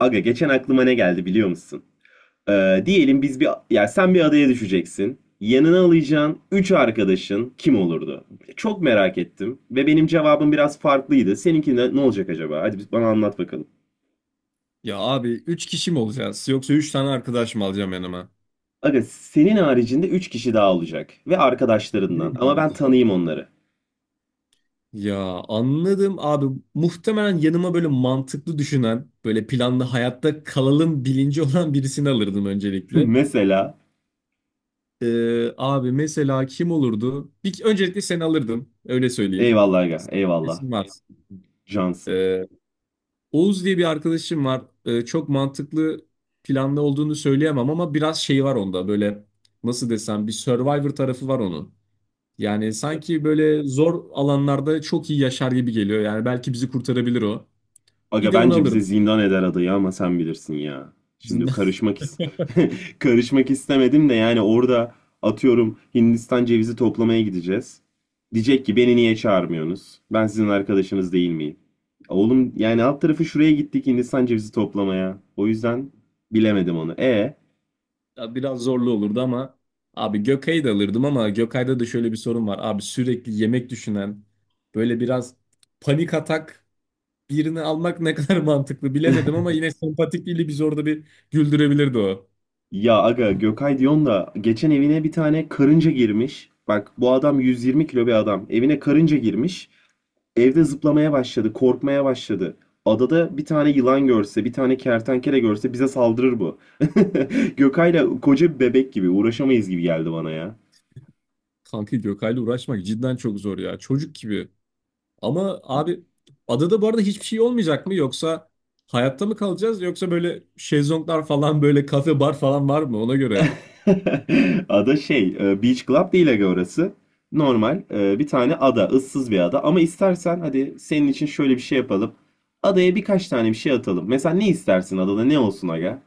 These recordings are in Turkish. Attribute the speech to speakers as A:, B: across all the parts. A: Aga geçen aklıma ne geldi biliyor musun? Diyelim biz bir yani sen bir adaya düşeceksin. Yanına alacağın 3 arkadaşın kim olurdu? Çok merak ettim ve benim cevabım biraz farklıydı. Seninki ne olacak acaba? Hadi bana anlat bakalım.
B: Ya abi 3 kişi mi olacağız yoksa 3 tane arkadaş mı alacağım yanıma?
A: Aga senin haricinde 3 kişi daha olacak ve arkadaşlarından,
B: Benim
A: ama ben
B: harici.
A: tanıyayım onları.
B: Ya anladım abi. Muhtemelen yanıma böyle mantıklı düşünen, böyle planlı hayatta kalalım bilinci olan birisini alırdım öncelikle.
A: Mesela
B: Abi mesela kim olurdu? Bir, öncelikle seni alırdım. Öyle söyleyeyim.
A: eyvallah aga, eyvallah,
B: Kesin var.
A: cansın.
B: Ee, Oğuz diye bir arkadaşım var. Çok mantıklı planlı olduğunu söyleyemem ama biraz şey var onda. Böyle nasıl desem bir Survivor tarafı var onun. Yani sanki böyle zor alanlarda çok iyi yaşar gibi geliyor. Yani belki bizi kurtarabilir o. Bir
A: Aga
B: de onu
A: bence bize
B: alırdım.
A: zindan eder adayı, ama sen bilirsin ya. Şimdi
B: İzinden.
A: karışmak is Karışmak istemedim de yani orada atıyorum Hindistan cevizi toplamaya gideceğiz. Diyecek ki beni niye çağırmıyorsunuz? Ben sizin arkadaşınız değil miyim? Oğlum yani alt tarafı şuraya gittik Hindistan cevizi toplamaya. O yüzden bilemedim onu.
B: Ya biraz zorlu olurdu ama abi Gökay'ı da alırdım ama Gökay'da da şöyle bir sorun var. Abi sürekli yemek düşünen böyle biraz panik atak birini almak ne kadar mantıklı bilemedim ama yine sempatikliğiyle biz orada bir güldürebilirdi o.
A: Ya aga, Gökay diyorsun da geçen evine bir tane karınca girmiş. Bak, bu adam 120 kilo bir adam. Evine karınca girmiş. Evde zıplamaya başladı, korkmaya başladı. Adada bir tane yılan görse, bir tane kertenkele görse bize saldırır bu. Gökay'la koca bir bebek gibi uğraşamayız gibi geldi bana ya.
B: Kanka Gökay'la uğraşmak cidden çok zor ya. Çocuk gibi. Ama abi adada bu arada hiçbir şey olmayacak mı? Yoksa hayatta mı kalacağız? Yoksa böyle şezlonglar falan böyle kafe bar falan var mı ona göre?
A: Ada Beach Club değil aga orası. Normal bir tane ada, ıssız bir ada. Ama istersen hadi senin için şöyle bir şey yapalım. Adaya birkaç tane bir şey atalım. Mesela ne istersin, adada ne olsun aga?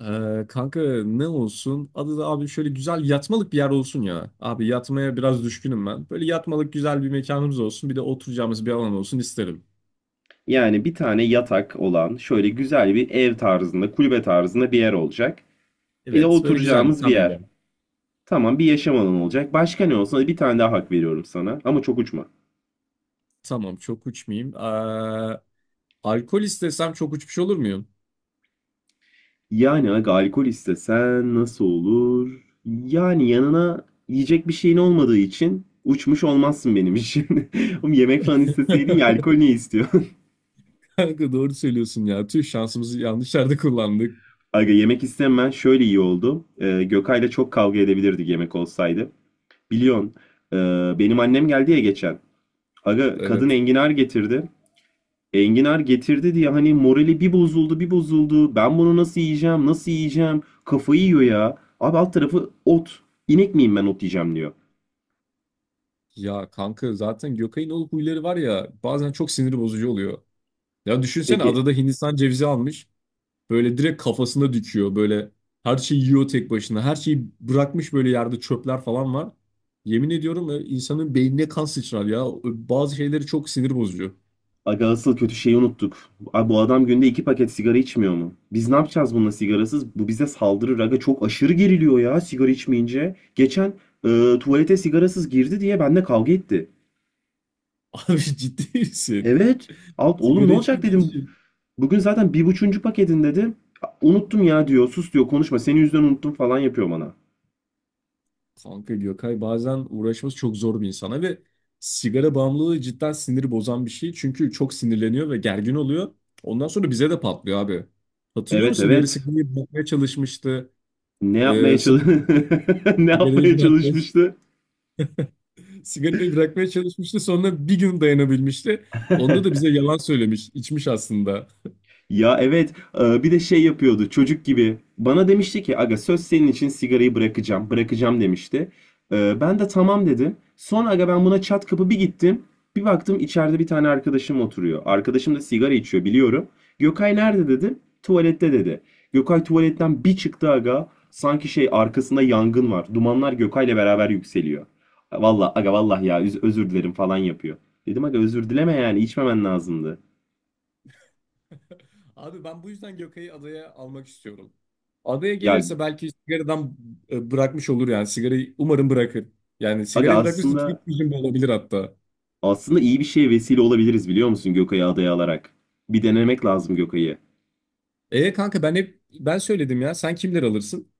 B: Kanka ne olsun? Adada abi şöyle güzel yatmalık bir yer olsun ya. Abi yatmaya biraz düşkünüm ben. Böyle yatmalık güzel bir mekanımız olsun. Bir de oturacağımız bir alan olsun isterim.
A: Yani bir tane yatak olan şöyle güzel bir ev tarzında, kulübe tarzında bir yer olacak. Bir de
B: Evet böyle güzel bir
A: oturacağımız bir yer.
B: kamelya.
A: Tamam, bir yaşam alanı olacak. Başka ne olsun? Hadi bir tane daha hak veriyorum sana. Ama çok uçma.
B: Tamam çok uçmayayım. Alkol istesem çok uçmuş olur muyum?
A: Yani aga alkol istesen nasıl olur? Yani yanına yiyecek bir şeyin olmadığı için uçmuş olmazsın benim için. Oğlum yemek falan isteseydin ya, alkol ne istiyor?
B: Kanka doğru söylüyorsun ya. Tüh şansımızı yanlış yerde kullandık.
A: Aga yemek istemem şöyle iyi oldu. Gökay'la çok kavga edebilirdik yemek olsaydı. Biliyorsun e, benim annem geldi ya geçen. Aga kadın
B: Evet.
A: enginar getirdi. Enginar getirdi diye hani morali bir bozuldu, bir bozuldu. Ben bunu nasıl yiyeceğim, nasıl yiyeceğim kafayı yiyor ya. Abi alt tarafı ot. İnek miyim ben ot yiyeceğim diyor.
B: Ya kanka zaten Gökay'ın o huyları var ya bazen çok sinir bozucu oluyor. Ya düşünsene adada
A: Peki,
B: Hindistan cevizi almış. Böyle direkt kafasına dikiyor. Böyle her şeyi yiyor tek başına. Her şeyi bırakmış böyle yerde çöpler falan var. Yemin ediyorum insanın beynine kan sıçrar ya. Bazı şeyleri çok sinir bozucu.
A: aga asıl kötü şeyi unuttuk. Abi bu adam günde iki paket sigara içmiyor mu? Biz ne yapacağız bununla sigarasız? Bu bize saldırır aga, çok aşırı geriliyor ya sigara içmeyince. Geçen tuvalete sigarasız girdi diye benimle kavga etti.
B: Abi ciddi misin?
A: Evet, oğlum ne
B: Sigara
A: olacak
B: içmediği
A: dedim.
B: için.
A: Bugün zaten bir buçuncu paketin dedi. Unuttum ya diyor. Sus diyor. Konuşma. Senin yüzünden unuttum falan yapıyor bana.
B: Kanka Gökay bazen uğraşması çok zor bir insana ve sigara bağımlılığı cidden siniri bozan bir şey. Çünkü çok sinirleniyor ve gergin oluyor. Ondan sonra bize de patlıyor abi. Hatırlıyor
A: Evet,
B: musun? Bir ara
A: evet.
B: sigarayı bırakmaya çalışmıştı.
A: Ne yapmaya çalış
B: Sonra
A: Ne
B: sigarayı
A: yapmaya
B: bırakmaya,
A: çalışmıştı?
B: sigarayı bırakmaya çalışmıştı. Sonra bir gün dayanabilmişti. Onda da bize yalan söylemiş, içmiş aslında.
A: Ya evet, bir de şey yapıyordu çocuk gibi. Bana demişti ki aga, söz, senin için sigarayı bırakacağım demişti. Ben de tamam dedim. Sonra aga ben buna çat kapı bir gittim. Bir baktım içeride bir tane arkadaşım oturuyor. Arkadaşım da sigara içiyor biliyorum. Gökay nerede dedim. Tuvalette dedi. Gökay tuvaletten bir çıktı aga. Sanki şey, arkasında yangın var. Dumanlar Gökay'la beraber yükseliyor. Vallahi aga, vallahi ya özür dilerim falan yapıyor. Dedim aga, özür dileme, yani içmemen lazımdı.
B: Abi ben bu yüzden Gökay'ı adaya almak istiyorum. Adaya
A: Ya
B: gelirse belki sigaradan bırakmış olur yani. Sigarayı umarım bırakır. Yani
A: aga
B: sigarayı bırakmışsa tek
A: aslında
B: çözüm bu olabilir hatta.
A: Aslında iyi bir şeye vesile olabiliriz biliyor musun Gökay'ı adaya alarak? Bir denemek lazım Gökay'ı.
B: E kanka ben hep ben söyledim ya. Sen kimler alırsın?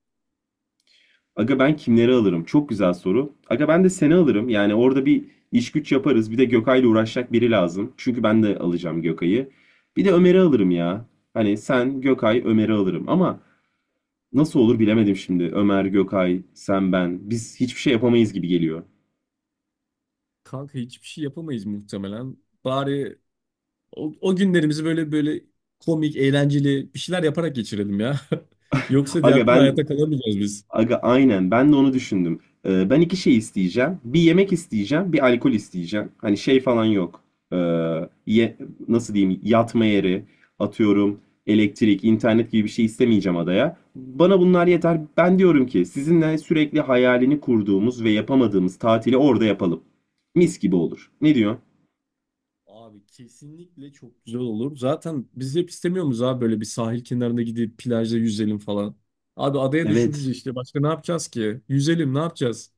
A: Aga ben kimleri alırım? Çok güzel soru. Aga ben de seni alırım. Yani orada bir iş güç yaparız. Bir de Gökay'la uğraşacak biri lazım. Çünkü ben de alacağım Gökay'ı. Bir de Ömer'i alırım ya. Hani sen, Gökay, Ömer'i alırım. Ama nasıl olur bilemedim şimdi. Ömer, Gökay, sen, ben. Biz hiçbir şey yapamayız gibi geliyor.
B: Kanka hiçbir şey yapamayız muhtemelen. Bari o günlerimizi böyle böyle komik, eğlenceli bir şeyler yaparak geçirelim ya. Yoksa diğer
A: Aga
B: türlü
A: ben
B: hayatta kalamayacağız biz.
A: Aga aynen, ben de onu düşündüm. Ben iki şey isteyeceğim. Bir yemek isteyeceğim, bir alkol isteyeceğim. Hani şey falan yok. Ee, ye- Nasıl diyeyim, yatma yeri, atıyorum elektrik, internet gibi bir şey istemeyeceğim adaya. Bana bunlar yeter. Ben diyorum ki sizinle sürekli hayalini kurduğumuz ve yapamadığımız tatili orada yapalım. Mis gibi olur. Ne diyor?
B: Abi kesinlikle çok güzel olur. Zaten biz hep istemiyor muyuz abi böyle bir sahil kenarında gidip plajda yüzelim falan. Abi adaya düşmüşüz
A: Evet.
B: işte. Başka ne yapacağız ki? Yüzelim ne yapacağız?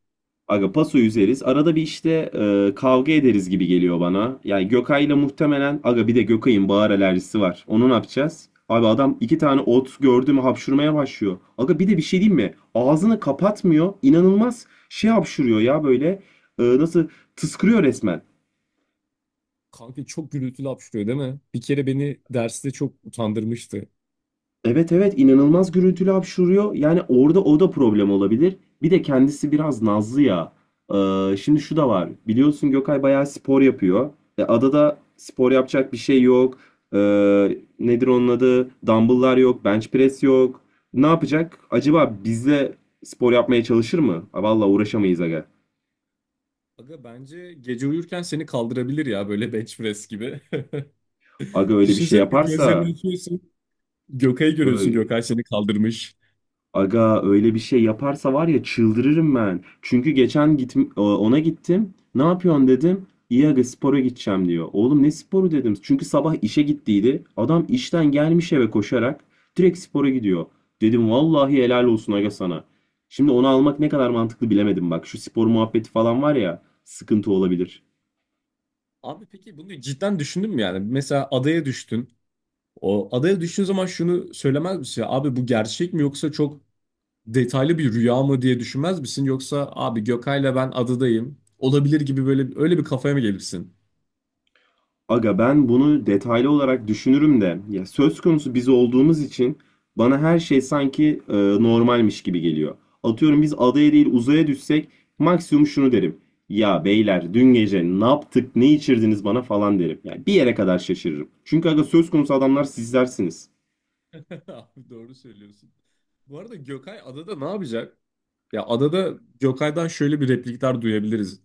A: Aga paso yüzeriz. Arada bir işte kavga ederiz gibi geliyor bana. Yani Gökay'la muhtemelen aga, bir de Gökay'ın bağır alerjisi var. Onu ne yapacağız? Abi adam iki tane ot gördü mü hapşurmaya başlıyor. Aga bir de bir şey diyeyim mi? Ağzını kapatmıyor. İnanılmaz şey hapşuruyor ya böyle. Nasıl tıskırıyor resmen.
B: Kanka çok gürültülü hapşırıyor değil mi? Bir kere beni derste çok utandırmıştı.
A: Evet, evet, inanılmaz gürültülü hapşuruyor. Yani orada o da problem olabilir. Bir de kendisi biraz nazlı ya. Şimdi şu da var. Biliyorsun Gökay bayağı spor yapıyor. E, adada spor yapacak bir şey yok. Nedir onun adı? Dumbbell'lar yok. Bench press yok. Ne yapacak? Acaba bizle spor yapmaya çalışır mı? Ha, vallahi uğraşamayız aga.
B: Aga bence gece uyurken seni kaldırabilir ya böyle bench press gibi.
A: Aga öyle bir şey
B: Düşünsene bir gözlerini
A: yaparsa
B: açıyorsun. Gökay'ı görüyorsun. Gökay seni kaldırmış.
A: Aga öyle bir şey yaparsa var ya, çıldırırım ben. Çünkü geçen git ona gittim. Ne yapıyorsun dedim. İyi aga, spora gideceğim diyor. Oğlum ne sporu dedim. Çünkü sabah işe gittiydi. Adam işten gelmiş eve koşarak direkt spora gidiyor. Dedim vallahi helal olsun aga sana. Şimdi onu almak ne kadar mantıklı bilemedim bak. Şu spor muhabbeti falan var ya, sıkıntı olabilir.
B: Abi peki bunu cidden düşündün mü yani? Mesela adaya düştün. O adaya düştüğün zaman şunu söylemez misin? Abi bu gerçek mi yoksa çok detaylı bir rüya mı diye düşünmez misin? Yoksa abi Gökay'la ben adadayım. Olabilir gibi böyle öyle bir kafaya mı gelirsin?
A: Aga ben bunu detaylı olarak düşünürüm de ya söz konusu biz olduğumuz için bana her şey sanki normalmiş gibi geliyor. Atıyorum biz adaya değil uzaya düşsek maksimum şunu derim. Ya beyler, dün gece ne yaptık, ne içirdiniz bana falan derim. Yani bir yere kadar şaşırırım. Çünkü aga söz konusu adamlar sizlersiniz.
B: Abi doğru söylüyorsun. Bu arada Gökay adada ne yapacak? Ya adada Gökay'dan şöyle bir replikler duyabiliriz.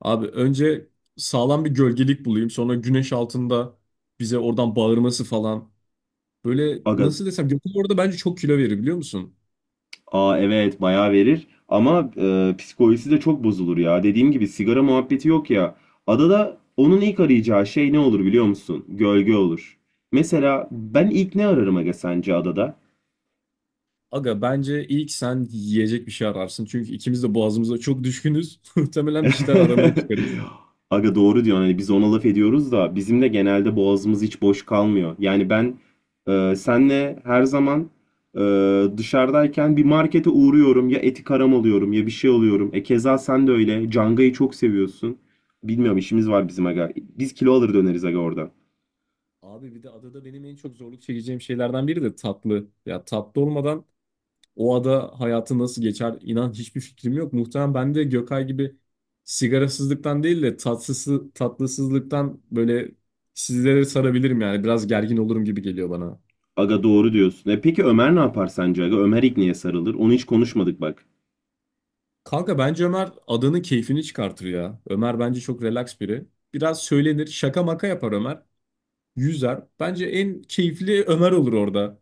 B: Abi önce sağlam bir gölgelik bulayım. Sonra güneş altında bize oradan bağırması falan. Böyle
A: Aga,
B: nasıl desem Gökay orada bence çok kilo verir biliyor musun?
A: aa evet, bayağı verir ama psikolojisi de çok bozulur ya. Dediğim gibi sigara muhabbeti yok ya. Adada onun ilk arayacağı şey ne olur biliyor musun? Gölge olur. Mesela ben ilk ne ararım aga sence adada?
B: Aga bence ilk sen yiyecek bir şey ararsın. Çünkü ikimiz de boğazımıza çok düşkünüz. Muhtemelen bir şeyler aramaya çıkarız.
A: Aga doğru diyorsun. Hani biz ona laf ediyoruz da bizim de genelde boğazımız hiç boş kalmıyor. Yani ben senle her zaman e, dışarıdayken bir markete uğruyorum. Ya eti karam alıyorum ya bir şey alıyorum. E keza sen de öyle. Canga'yı çok seviyorsun. Bilmiyorum, işimiz var bizim aga. Biz kilo alır döneriz aga orada.
B: Abi bir de adada benim en çok zorluk çekeceğim şeylerden biri de tatlı. Ya tatlı olmadan o ada hayatı nasıl geçer inan hiçbir fikrim yok. Muhtemelen ben de Gökay gibi sigarasızlıktan değil de tatsızsı, tatlısızlıktan böyle sizlere sarabilirim yani. Biraz gergin olurum gibi geliyor bana.
A: Aga doğru diyorsun. E peki Ömer ne yapar sence aga? Ömer ilk niye sarılır? Onu hiç konuşmadık bak.
B: Kanka bence Ömer adanın keyfini çıkartır ya. Ömer bence çok relax biri. Biraz söylenir, şaka maka yapar Ömer. Yüzer. Bence en keyifli Ömer olur orada.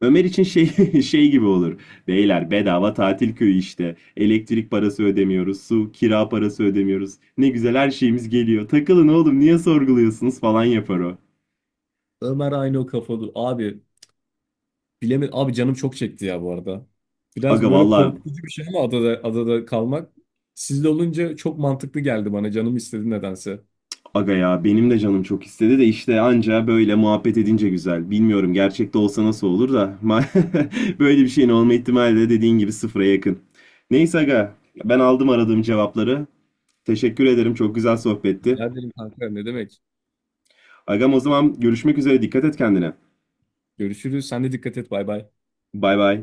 A: Ömer için şey Şey gibi olur. Beyler, bedava tatil köyü işte. Elektrik parası ödemiyoruz, su, kira parası ödemiyoruz. Ne güzel, her şeyimiz geliyor. Takılın oğlum, niye sorguluyorsunuz falan yapar o.
B: Ömer aynı o kafalı. Abi bilemedim. Abi canım çok çekti ya bu arada.
A: Aga
B: Biraz böyle
A: valla
B: korkutucu bir şey ama adada, adada kalmak. Sizle olunca çok mantıklı geldi bana. Canım istedi nedense.
A: Aga ya benim de canım çok istedi de işte anca böyle muhabbet edince güzel. Bilmiyorum gerçekte olsa nasıl olur da böyle bir şeyin olma ihtimali de dediğin gibi sıfıra yakın. Neyse aga, ben aldım aradığım cevapları. Teşekkür ederim. Çok güzel sohbetti.
B: Rica ederim kanka. Ne demek?
A: Agam, o zaman görüşmek üzere. Dikkat et kendine.
B: Görüşürüz. Sen de dikkat et. Bay bay.
A: Bay bay.